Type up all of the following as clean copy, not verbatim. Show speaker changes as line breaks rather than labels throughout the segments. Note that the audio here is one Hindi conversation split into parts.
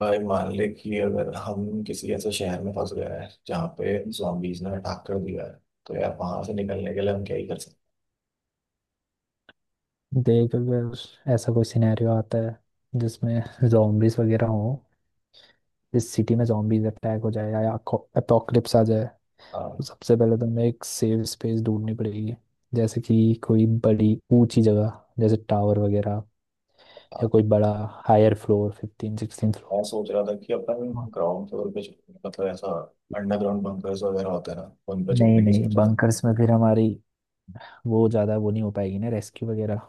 भाई मान ले कि अगर हम किसी ऐसे शहर में फंस गए हैं जहाँ पे zombies ने अटैक कर दिया है, तो यार वहां से निकलने के लिए हम क्या ही कर सकते
देख, अगर ऐसा कोई सिनेरियो आता है जिसमें जॉम्बीज वगैरह हो। जिस सिटी में जॉम्बीज अटैक हो जाए या अपोकलिप्स आ जाए,
हैं।
तो
हाँ,
सबसे पहले तो हमें एक सेफ स्पेस ढूंढनी पड़ेगी। जैसे कि कोई बड़ी ऊंची जगह, जैसे टावर वगैरह,
हाँ,
या कोई बड़ा हायर फ्लोर, फिफ्टीन सिक्सटीन
मैं
फ्लोर
सोच रहा था कि अपन ग्राउंड फ्लोर पे मतलब ऐसा अंडरग्राउंड बंकर्स वगैरह होते हैं ना, उन पे
नहीं
छुपने की
नहीं,
सोच रहा था।
बंकर्स में फिर हमारी वो ज़्यादा वो नहीं हो पाएगी ना, रेस्क्यू वगैरह।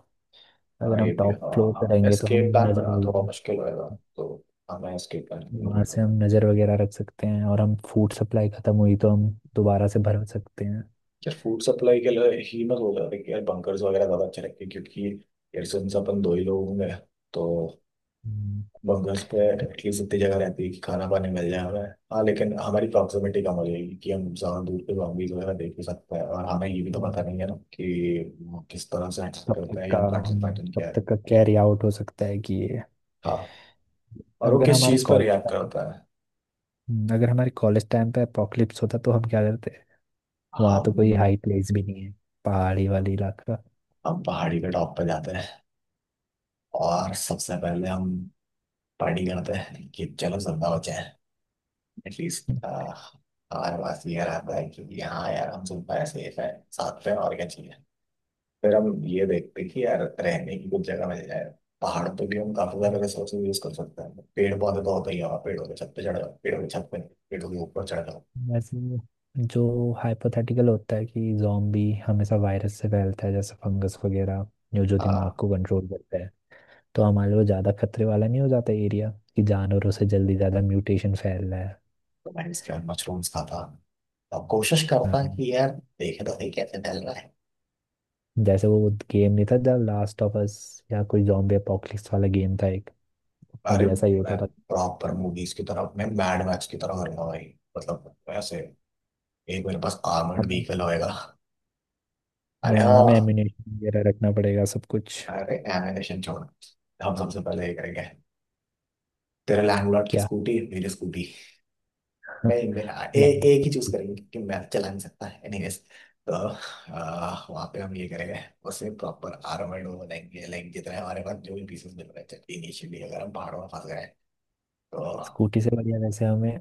हाँ
अगर हम
ये भी है।
टॉप
हाँ
फ्लोर पे
हाँ,
रहेंगे तो हम
एस्केप प्लान
नजर
बना
हो
थोड़ा
जाएगा।
मुश्किल होएगा। तो हमें एस्केप प्लान की
वहां
जरूरत है।
से हम नज़र वगैरह रख सकते हैं, और हम फूड सप्लाई खत्म हुई तो हम दोबारा से भरा सकते हैं।
यार फूड सप्लाई के लिए ही मैं सोच रहा था कि यार बंकर्स वगैरह ज़्यादा अच्छे रहेंगे, क्योंकि यार सिंस अपन दो ही लोग होंगे, तो
हम्म।
बस घर पे एटलीस्ट इतनी जगह रहती है कि खाना पानी मिल जाए हमें। हाँ, लेकिन हमारी प्रॉक्सिमिटी कम हो जाएगी कि हम ज्यादा दूर पे zombies वगैरह देख भी सकते हैं, और हमें ये भी तो पता
हम्म।
नहीं है ना कि वो किस तरह से एक्ट
तब तक
करता है या
का
उनका एक्शन
हम
पैटर्न
तब
क्या है।
तक का कैरी आउट हो सकता है कि ये।
हाँ, और वो
अगर
किस
हमारे
चीज पर
कॉलेज
रिएक्ट
टाइम
करता है।
अगर हमारे कॉलेज टाइम पे अपोकलिप्स होता तो हम क्या करते। वहाँ तो कोई हाई
हम
प्लेस भी नहीं है, पहाड़ी वाली इलाका।
हम पहाड़ी के टॉप पर जाते हैं, और सबसे पहले हम पार्टी करते हैं कि चलो जिंदा बचे हैं। एटलीस्ट हमारे पास ये रहता है कि हाँ यार, हम जिंदा है, सेफ है, साथ में, और क्या चाहिए। फिर हम ये देखते कि यार रहने की कुछ जगह मिल जाए। पहाड़ पे भी हम काफी सारे रिसोर्स यूज कर सकते हैं, पेड़ पौधे तो होते ही हैं वहाँ, पेड़ों के छत पे चढ़ जाओ, पेड़ों की छत पे नहीं, पेड़ों के ऊपर चढ़ जाओ।
वैसे जो हाइपोथेटिकल होता है कि जॉम्बी हमेशा वायरस से फैलता है, जैसे फंगस वगैरह, जो जो दिमाग
हाँ,
को कंट्रोल करता, तो हमारे लिए ज़्यादा खतरे वाला नहीं हो जाता एरिया, कि जानवरों से जल्दी ज़्यादा म्यूटेशन फैल रहा है।
तो मैं इसके बाद मशरूम्स खाता, अब कोशिश करता
हम्म।
कि यार देखे तो सही कैसे ढल रहा है।
जैसे वो गेम नहीं था, जब लास्ट ऑफ अस या कोई जॉम्बी अपोकलिप्स वाला गेम था एक, उसमें
अरे
भी ऐसा ही होता
मैं
था।
प्रॉपर मूवीज की तरफ, मैं मैड मैक्स की तरफ करूंगा भाई। मतलब वैसे एक मेरे पास आर्मर्ड
हमें
व्हीकल होएगा। अरे
हाँ, हमें
हाँ।
एम्यूनेशन वगैरह रखना पड़ेगा सब कुछ।
अरे एनिमेशन छोड़, हम सबसे पहले ये करेंगे, तेरे लैंडलॉर्ड की
क्या?
स्कूटी मेरी स्कूटी। नहीं मैं, ए,
लैंड-
एक ही चूज करेंगे क्योंकि मैप चला नहीं सकता है एनीवेज। तो वहाँ पे हम ये करेंगे, उसमें प्रॉपर आर्मर्ड हो जाएंगे, लाइक जितने हमारे पास जो भी पीसेस मिल रहे थे इनिशियली, अगर हम पहाड़ों में फंस गए तो।
स्कूटी से बढ़िया वैसे हमें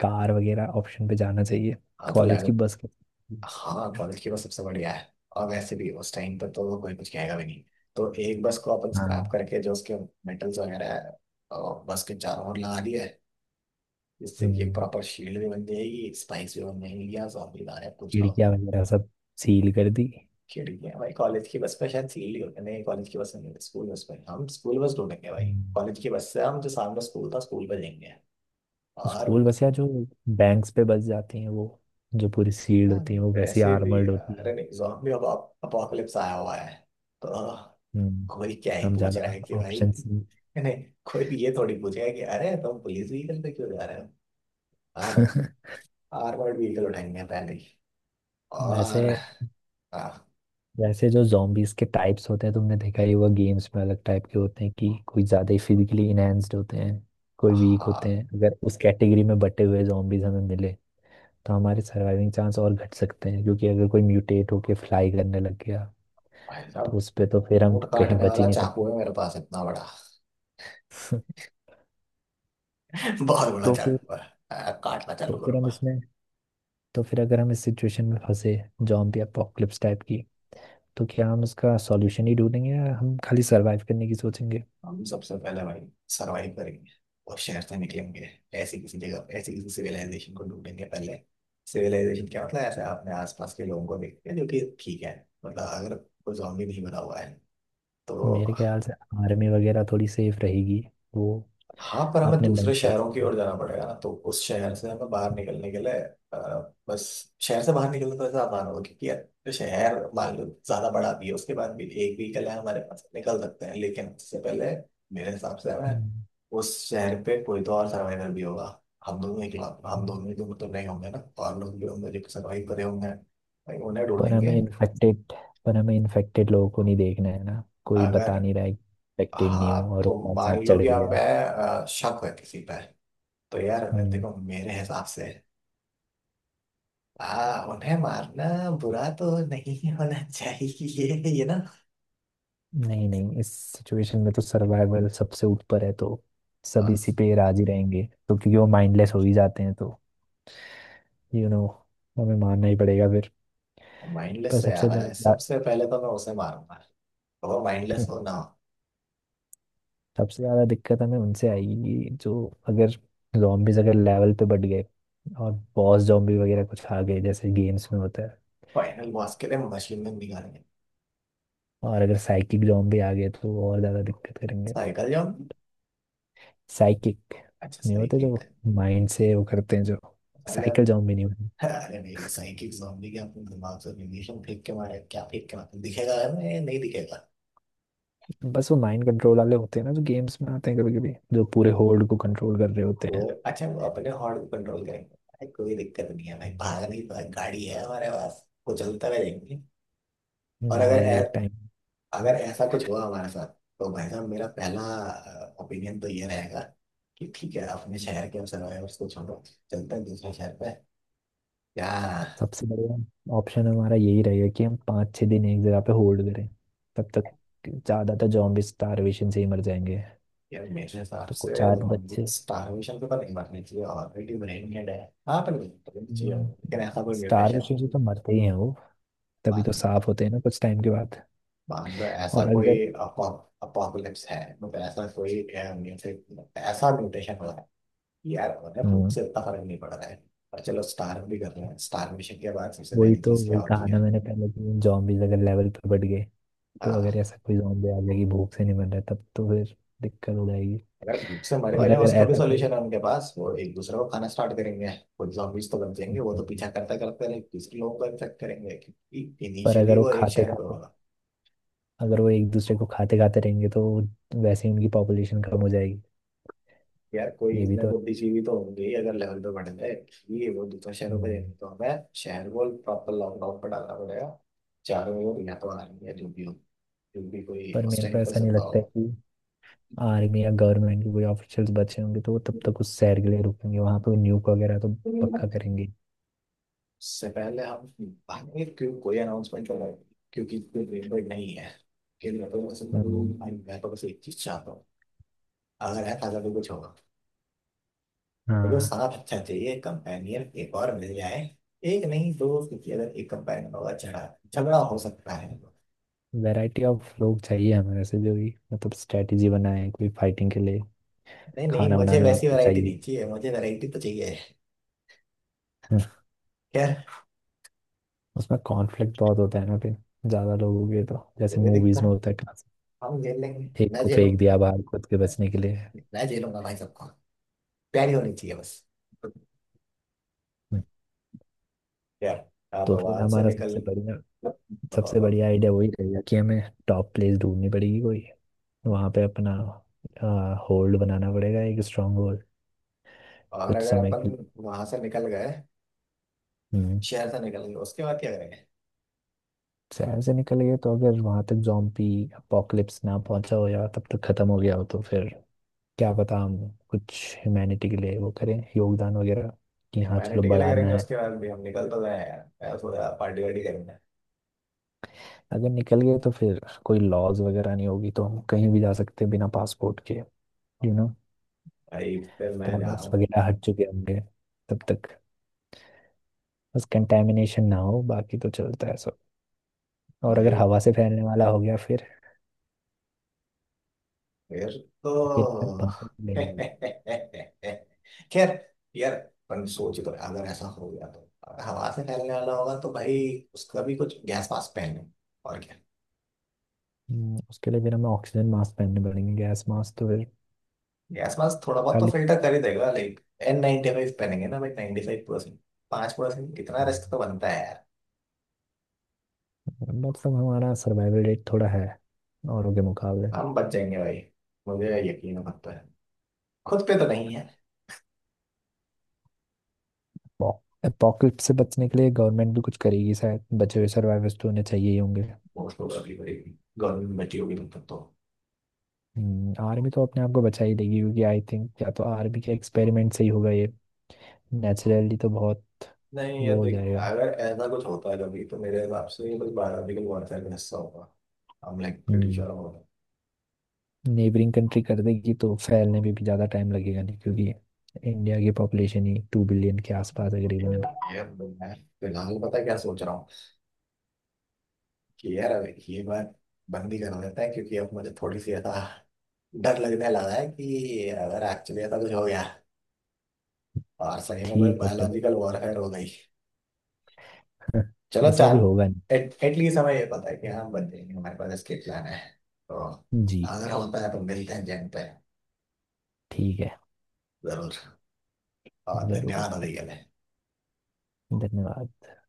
कार वगैरह ऑप्शन पे जाना चाहिए।
हाँ तो
कॉलेज
लैंड,
की बस के।
हाँ बल्कि की वो सबसे बढ़िया है, और वैसे भी उस टाइम पर तो कोई कुछ कहेगा भी नहीं। तो एक बस को अपन स्क्रैप
हाँ।
करके जो उसके मेटल्स वगैरह है और बस के चारों ओर लगा दिया है, जिससे कि
हम्म,
प्रॉपर शील्ड भी बन जाएगी, स्पाइस भी बन जाएगी, या जॉम्बी आ रहे हैं, पूछ लो।
खिड़कियाँ वगैरह सब सील कर दी।
खिड़की है भाई कॉलेज की बस पे शायद सील्ड ही होते हैं। नहीं, कॉलेज की बस में नहीं होती, स्कूल बस पे। हम स्कूल बस ढूंढेंगे भाई।
हम्म।
कॉलेज की बस से हम जो सामने स्कूल था, स्कूल पे जाएंगे। और
स्कूल बस यार, जो बैंक्स पे बस जाती हैं वो, जो पूरी सील्ड
हाँ,
होती हैं, वो वैसे ही
वैसे भी
आर्मर्ड होती
अरे
हैं।
नहीं, जॉम्बी अब अपोकलिप्स आया हुआ है, तो
हम्म।
कोई क्या ही
हम
पूछ रहा
ज्यादा
है कि भाई
ऑप्शंस नहीं।
नहीं, कोई भी ये थोड़ी पूछेगा कि अरे तुम पुलिस व्हीकल पे क्यों जा रहे हो। हाँ तुम, आर्मर्ड व्हीकल उठाएंगे पहले ही।
वैसे
और हाँ।
वैसे जो zombies के टाइप्स होते हैं, तुमने देखा ही होगा गेम्स में, अलग टाइप के होते हैं कि कोई ज्यादा ही फिजिकली इनहेंस्ड होते हैं, कोई वीक होते
हाँ,
हैं। अगर उस कैटेगरी में बटे हुए zombies हमें मिले, तो हमारे सर्वाइविंग चांस और घट सकते हैं, क्योंकि अगर कोई म्यूटेट होके फ्लाई करने लग गया
भाई
तो
साहब
उस पे तो फिर हम
ऊँट
कहीं
काटने
बच ही
वाला
नहीं सकते।
चाकू है मेरे पास इतना बड़ा, बहुत बड़ा
तो फिर
जानवर। काटना
तो
चालू
फिर हम
करूंगा।
इसमें तो फिर अगर हम इस सिचुएशन में फंसे, जॉम्बी अपोकलिप्स टाइप की, तो क्या हम उसका सॉल्यूशन ही ढूंढेंगे या हम खाली सरवाइव करने की सोचेंगे?
हम सबसे पहले भाई सरवाइव करेंगे, और शहर से निकलेंगे। ऐसी किसी जगह, ऐसी किसी सिविलाइजेशन को ढूंढेंगे पहले। सिविलाइजेशन क्या मतलब ऐसे अपने आसपास के लोगों को देखते हैं जो कि ठीक है, मतलब अगर कोई जॉम्बी नहीं बना हुआ है तो।
मेरे ख्याल से आर्मी वगैरह थोड़ी सेफ रहेगी, वो
हाँ पर हमें
अपने मन
दूसरे
पर।
शहरों की ओर जाना पड़ेगा ना, तो उस शहर से हमें बाहर निकलने के लिए, बस शहर से बाहर निकलने तो ऐसा आसान होगा क्योंकि यार शहर मान लो ज्यादा बड़ा भी है, उसके बाद भी एक व्हीकल है हमारे पास, निकल सकते हैं। लेकिन उससे पहले मेरे हिसाब से हमें,
हम्म,
उस शहर पे कोई तो और सर्वाइवर भी होगा। हम दोनों ही, हम
हम्म।
दोनों ही दोनों तो नहीं होंगे ना, और लोग भी होंगे जो सर्वाइव करे होंगे। भाई उन्हें
पर हमें
ढूंढेंगे।
इन्फेक्टेड पर हमें इन्फेक्टेड लोगों को नहीं देखना है ना, कोई
अगर,
बता नहीं रहा है इन्फेक्टेड नहीं
हाँ
हूँ और
तो
वो हमारे साथ
मान लो
चढ़
कि अब
गया।
मैं, शक है किसी पर, तो यार
हम्म,
देखो मेरे हिसाब से हाँ, उन्हें मारना बुरा तो नहीं होना चाहिए ये ना।
नहीं नहीं, इस सिचुएशन में तो सर्वाइवल सबसे ऊपर है, तो सब इसी पे राजी रहेंगे। तो क्योंकि वो माइंडलेस हो ही जाते हैं, तो यू नो, हमें मानना ही पड़ेगा फिर।
माइंडलेस
पर
से आ
सबसे
रहा है,
ज्यादा।
सबसे पहले तो मैं उसे मारूंगा, तो वो माइंडलेस
हम्म,
हो ना हो।
सबसे ज्यादा दिक्कत हमें उनसे आएगी, कि जो, अगर zombies अगर लेवल पे बढ़ गए और बॉस जॉम्बी वगैरह कुछ आ गए जैसे गेम्स में होता है,
फाइनल बॉस के लिए मशीन में निकालेंगे।
और अगर साइकिक जॉम्बी आ गए तो और ज्यादा दिक्कत करेंगे।
Cycle zombie?
साइकिक।
अच्छा
नहीं होते
साइकिल
जो
कर,
माइंड से वो करते हैं जो।
अरे
साइकिल जॉम्बी नहीं होते,
अरे नहीं, साइकिल जॉम्बी के अपने दिमाग से रेडिएशन फेंक के मारे, क्या फेंक के मारे दिखेगा, मैं नहीं दिखेगा।
बस वो माइंड कंट्रोल वाले होते हैं ना, जो गेम्स में आते हैं कभी कभी, जो पूरे होल्ड को कंट्रोल कर रहे होते
तो
हैं।
अच्छा वो अपने हॉर्न को कंट्रोल करेंगे भाई, कोई दिक्कत नहीं है भाई,
हम्म।
भागने की गाड़ी है हमारे पास, वो चलता रहेंगे। और
गाड़ी
अगर,
भी एक टाइम।
ऐसा कुछ हुआ हमारे साथ तो भाई साहब मेरा पहला ओपिनियन तो ये रहेगा कि ठीक है, अपने शहर के सर्वाइवर्स को छोड़ो, चलते हैं दूसरे शहर पे। क्या?
सबसे बढ़िया ऑप्शन हमारा यही रहेगा कि हम 5 6 दिन एक जगह पे होल्ड करें। तब तक ज़्यादातर जॉम्बी स्टारवेशन से ही मर जाएंगे।
यार मेरे हिसाब
तो कुछ
से
आठ
जोम्बी
बच्चे
स्टारवेशन पे तो नहीं मरनी चाहिए, ऑलरेडी ब्रेन डेड है। हाँ पर मरनी चाहिए उनको। लेकिन ऐसा कोई म्यूटेशन,
स्टारवेशन से तो मरते ही हैं वो, तभी तो
मान
साफ होते हैं ना कुछ टाइम के बाद।
मान लो ऐसा
और
कोई
अगर।
अपोकलिप्स है, मतलब ऐसा कोई म्यूटेशन, ऐसा म्यूटेशन हो, यार मतलब
हम्म,
मुझसे इतना फर्क नहीं पड़ रहा है। पर चलो स्टार भी कर रहे हैं, स्टार मिशन के बाद सबसे पहली चीज क्या
वही
होती
कहा ना
है।
मैंने पहले कि जॉम्बीज अगर लेवल पे बढ़ गए, तो अगर
हाँ,
ऐसा कोई जॉम्बी आ जाएगी भूख से नहीं मर रहा, तब तो फिर दिक्कत हो जाएगी।
अगर भूख से मर
और
गए हैं,
अगर
उसका भी
ऐसा कोई।
सोल्यूशन है उनके पास, वो एक दूसरे को खाना स्टार्ट करेंगे। खुद zombies तो बन जाएंगे, वो तो
हम्म,
पीछा करते करते लाइक दूसरे लोगों को इन्फेक्ट करेंगे क्योंकि
पर
इनिशियली
अगर वो
वो एक
खाते
शहर पे
खाते
होगा।
अगर वो एक दूसरे को खाते खाते रहेंगे तो वो- वैसे ही उनकी पॉपुलेशन कम हो जाएगी।
यार कोई
ये भी
इतने
तो है।
बुद्धिजीवी तो होंगे ही, अगर लेवल पे बढ़ जाए कि वो दूसरे शहरों पे जाएंगे,
हम्म,
तो हमें शहर को प्रॉपर लॉकडाउन पर डालना पड़ेगा। चारों ओर या तो आर्मी या जो भी हो, जो भी कोई
पर
उस
मेरे को
टाइम पर
ऐसा नहीं
जिंदा
लगता है कि आर्मी या गवर्नमेंट के कोई ऑफिशियल्स बचे होंगे तो वो तब तक उस शहर के लिए रुकेंगे। वहां पे न्यूक वगैरह तो पक्का
हो।
करेंगे।
उससे पहले हम भागेंगे क्यों, कोई अनाउंसमेंट कर रहा है क्योंकि कोई ब्रेन ब्रेक नहीं है। कि मैं तो बस,
हम्म,
मैं तो बस एक चीज चाहता हूँ, अगर है ताजा तो कुछ होगा। मुझे
हाँ।
साथ अच्छा चाहिए, कंपेनियन एक और मिल जाए। एक नहीं दो, क्योंकि अगर एक कंपेनियन होगा झगड़ा झगड़ा हो सकता है।
वैरायटी ऑफ लोग चाहिए हमें वैसे, जो भी मतलब स्ट्रेटेजी बनाए कोई फाइटिंग के लिए,
नहीं नहीं,
खाना
मुझे
बनाने वाला
वैसी
तो
वैरायटी
चाहिए।
नहीं चाहिए, मुझे वैरायटी तो चाहिए।
हाँ,
खैर,
उसमें कॉन्फ्लिक्ट बहुत होता है ना फिर, ज्यादा लोग हो गए तो, जैसे
कोई दिक्कत
मूवीज में
नहीं,
होता है कहाँ से
हम झेल लेंगे,
एक
मैं
को फेंक
झेलूंगा।
दिया बाहर खुद के बचने के लिए।
मैं झेलूंगा भाई सबको, प्यारी होनी चाहिए बस। यार आप
तो फिर
आवाज से
हमारा
निकल, बताओ,
सबसे
बताओ।
बढ़िया आइडिया वही रहेगा कि हमें टॉप प्लेस ढूंढनी पड़ेगी कोई, वहां पे अपना होल्ड बनाना पड़ेगा, एक स्ट्रांग होल्ड,
और
कुछ
अगर
समय
अपन
के लिए।
वहां से निकल गए,
हम्म।
शहर से निकल गए, उसके बाद क्या करेंगे।
शहर से निकल गए तो अगर वहां तक जॉम्बी अपोकलिप्स ना पहुंचा हो या तब तक खत्म हो गया हो, तो फिर क्या पता हम कुछ ह्यूमैनिटी के लिए वो करें, योगदान वगैरह, कि हाँ चलो
ह्यूमैनिटी के लिए
बढ़ाना
करेंगे
है।
उसके बाद भी, हम निकल तो गए हैं यार, यार थोड़ा पार्टी वार्टी करेंगे।
अगर निकल गए तो फिर कोई लॉज वगैरह नहीं होगी, तो हम कहीं भी जा सकते हैं बिना पासपोर्ट के, यू नो,
भाई फिर मैं जा रहा
बोनस
हूँ।
वगैरह हट चुके होंगे तब तक। बस कंटेमिनेशन ना हो, बाकी तो चलता है सब। और अगर
भाई
हवा से फैलने वाला हो गया फिर
फिर
फिर मैं
तो
पंखे लेने लगूंगा।
खैर, यार अपन सोच, तो अगर ऐसा हो गया, तो अगर हवा से फैलने वाला होगा तो भाई, उसका भी कुछ गैस मास्क पहने, और क्या।
उसके लिए फिर हमें ऑक्सीजन मास्क पहनने पड़ेंगे, गैस मास्क तो फिर
गैस मास्क थोड़ा बहुत तो
खाली।
फिल्टर कर ही देगा, लाइक N95 पहनेंगे ना भाई, 95%। 5% कितना रिस्क तो बनता है यार।
मतलब हमारा सर्वाइवल रेट थोड़ा है औरों के मुकाबले।
हम बच जाएंगे भाई, मुझे यकीन पड़ता है। खुद पे तो नहीं है।
पॉकेट से बचने के लिए गवर्नमेंट भी कुछ करेगी शायद, बचे हुए सर्वाइवर्स तो उन्हें चाहिए ही होंगे।
वो तो अभी भाई गवर्नमेंट बची होगी तब तक तो।
आर्मी तो अपने आप को बचा ही लेगी, क्योंकि आई थिंक या तो आर्मी के एक्सपेरिमेंट से ही होगा ये। नेचुरली तो बहुत।
नहीं
वो
यार
हो
देख,
जाएगा।
अगर ऐसा कुछ होता है कभी, तो मेरे हिसाब से ये बस बायोलॉजिकल वॉरफेयर का हिस्सा होगा। हम लाइक ब्रिटिश
हम्म।
और,
नेबरिंग कंट्री कर देगी तो फैलने में भी ज़्यादा टाइम लगेगा नहीं, क्योंकि इंडिया की पॉपुलेशन ही 2 बिलियन के आसपास है करीबन अभी।
यार मैं फिलहाल पता है क्या सोच रहा हूँ, कि यार अब ये बात बंद ही कर देते हैं, क्योंकि अब मुझे थोड़ी सी ऐसा डर लगने लगा है, कि अगर एक्चुअली ऐसा कुछ हो गया और सही में कोई
ठीक है चलो,
बायोलॉजिकल वॉरफेयर हो गई। चलो
ऐसा भी
चांद,
होगा।
एट एटलीस्ट हमें ये पता है कि हम बच जाएंगे, हमारे पास एस्केप प्लान है, तो
नहीं जी।
अगर होता है तो मिलते हैं जैन पे।
ठीक है।
जरूर। और
ज़रूर।
धन्यवाद अभी के लिए।
धन्यवाद।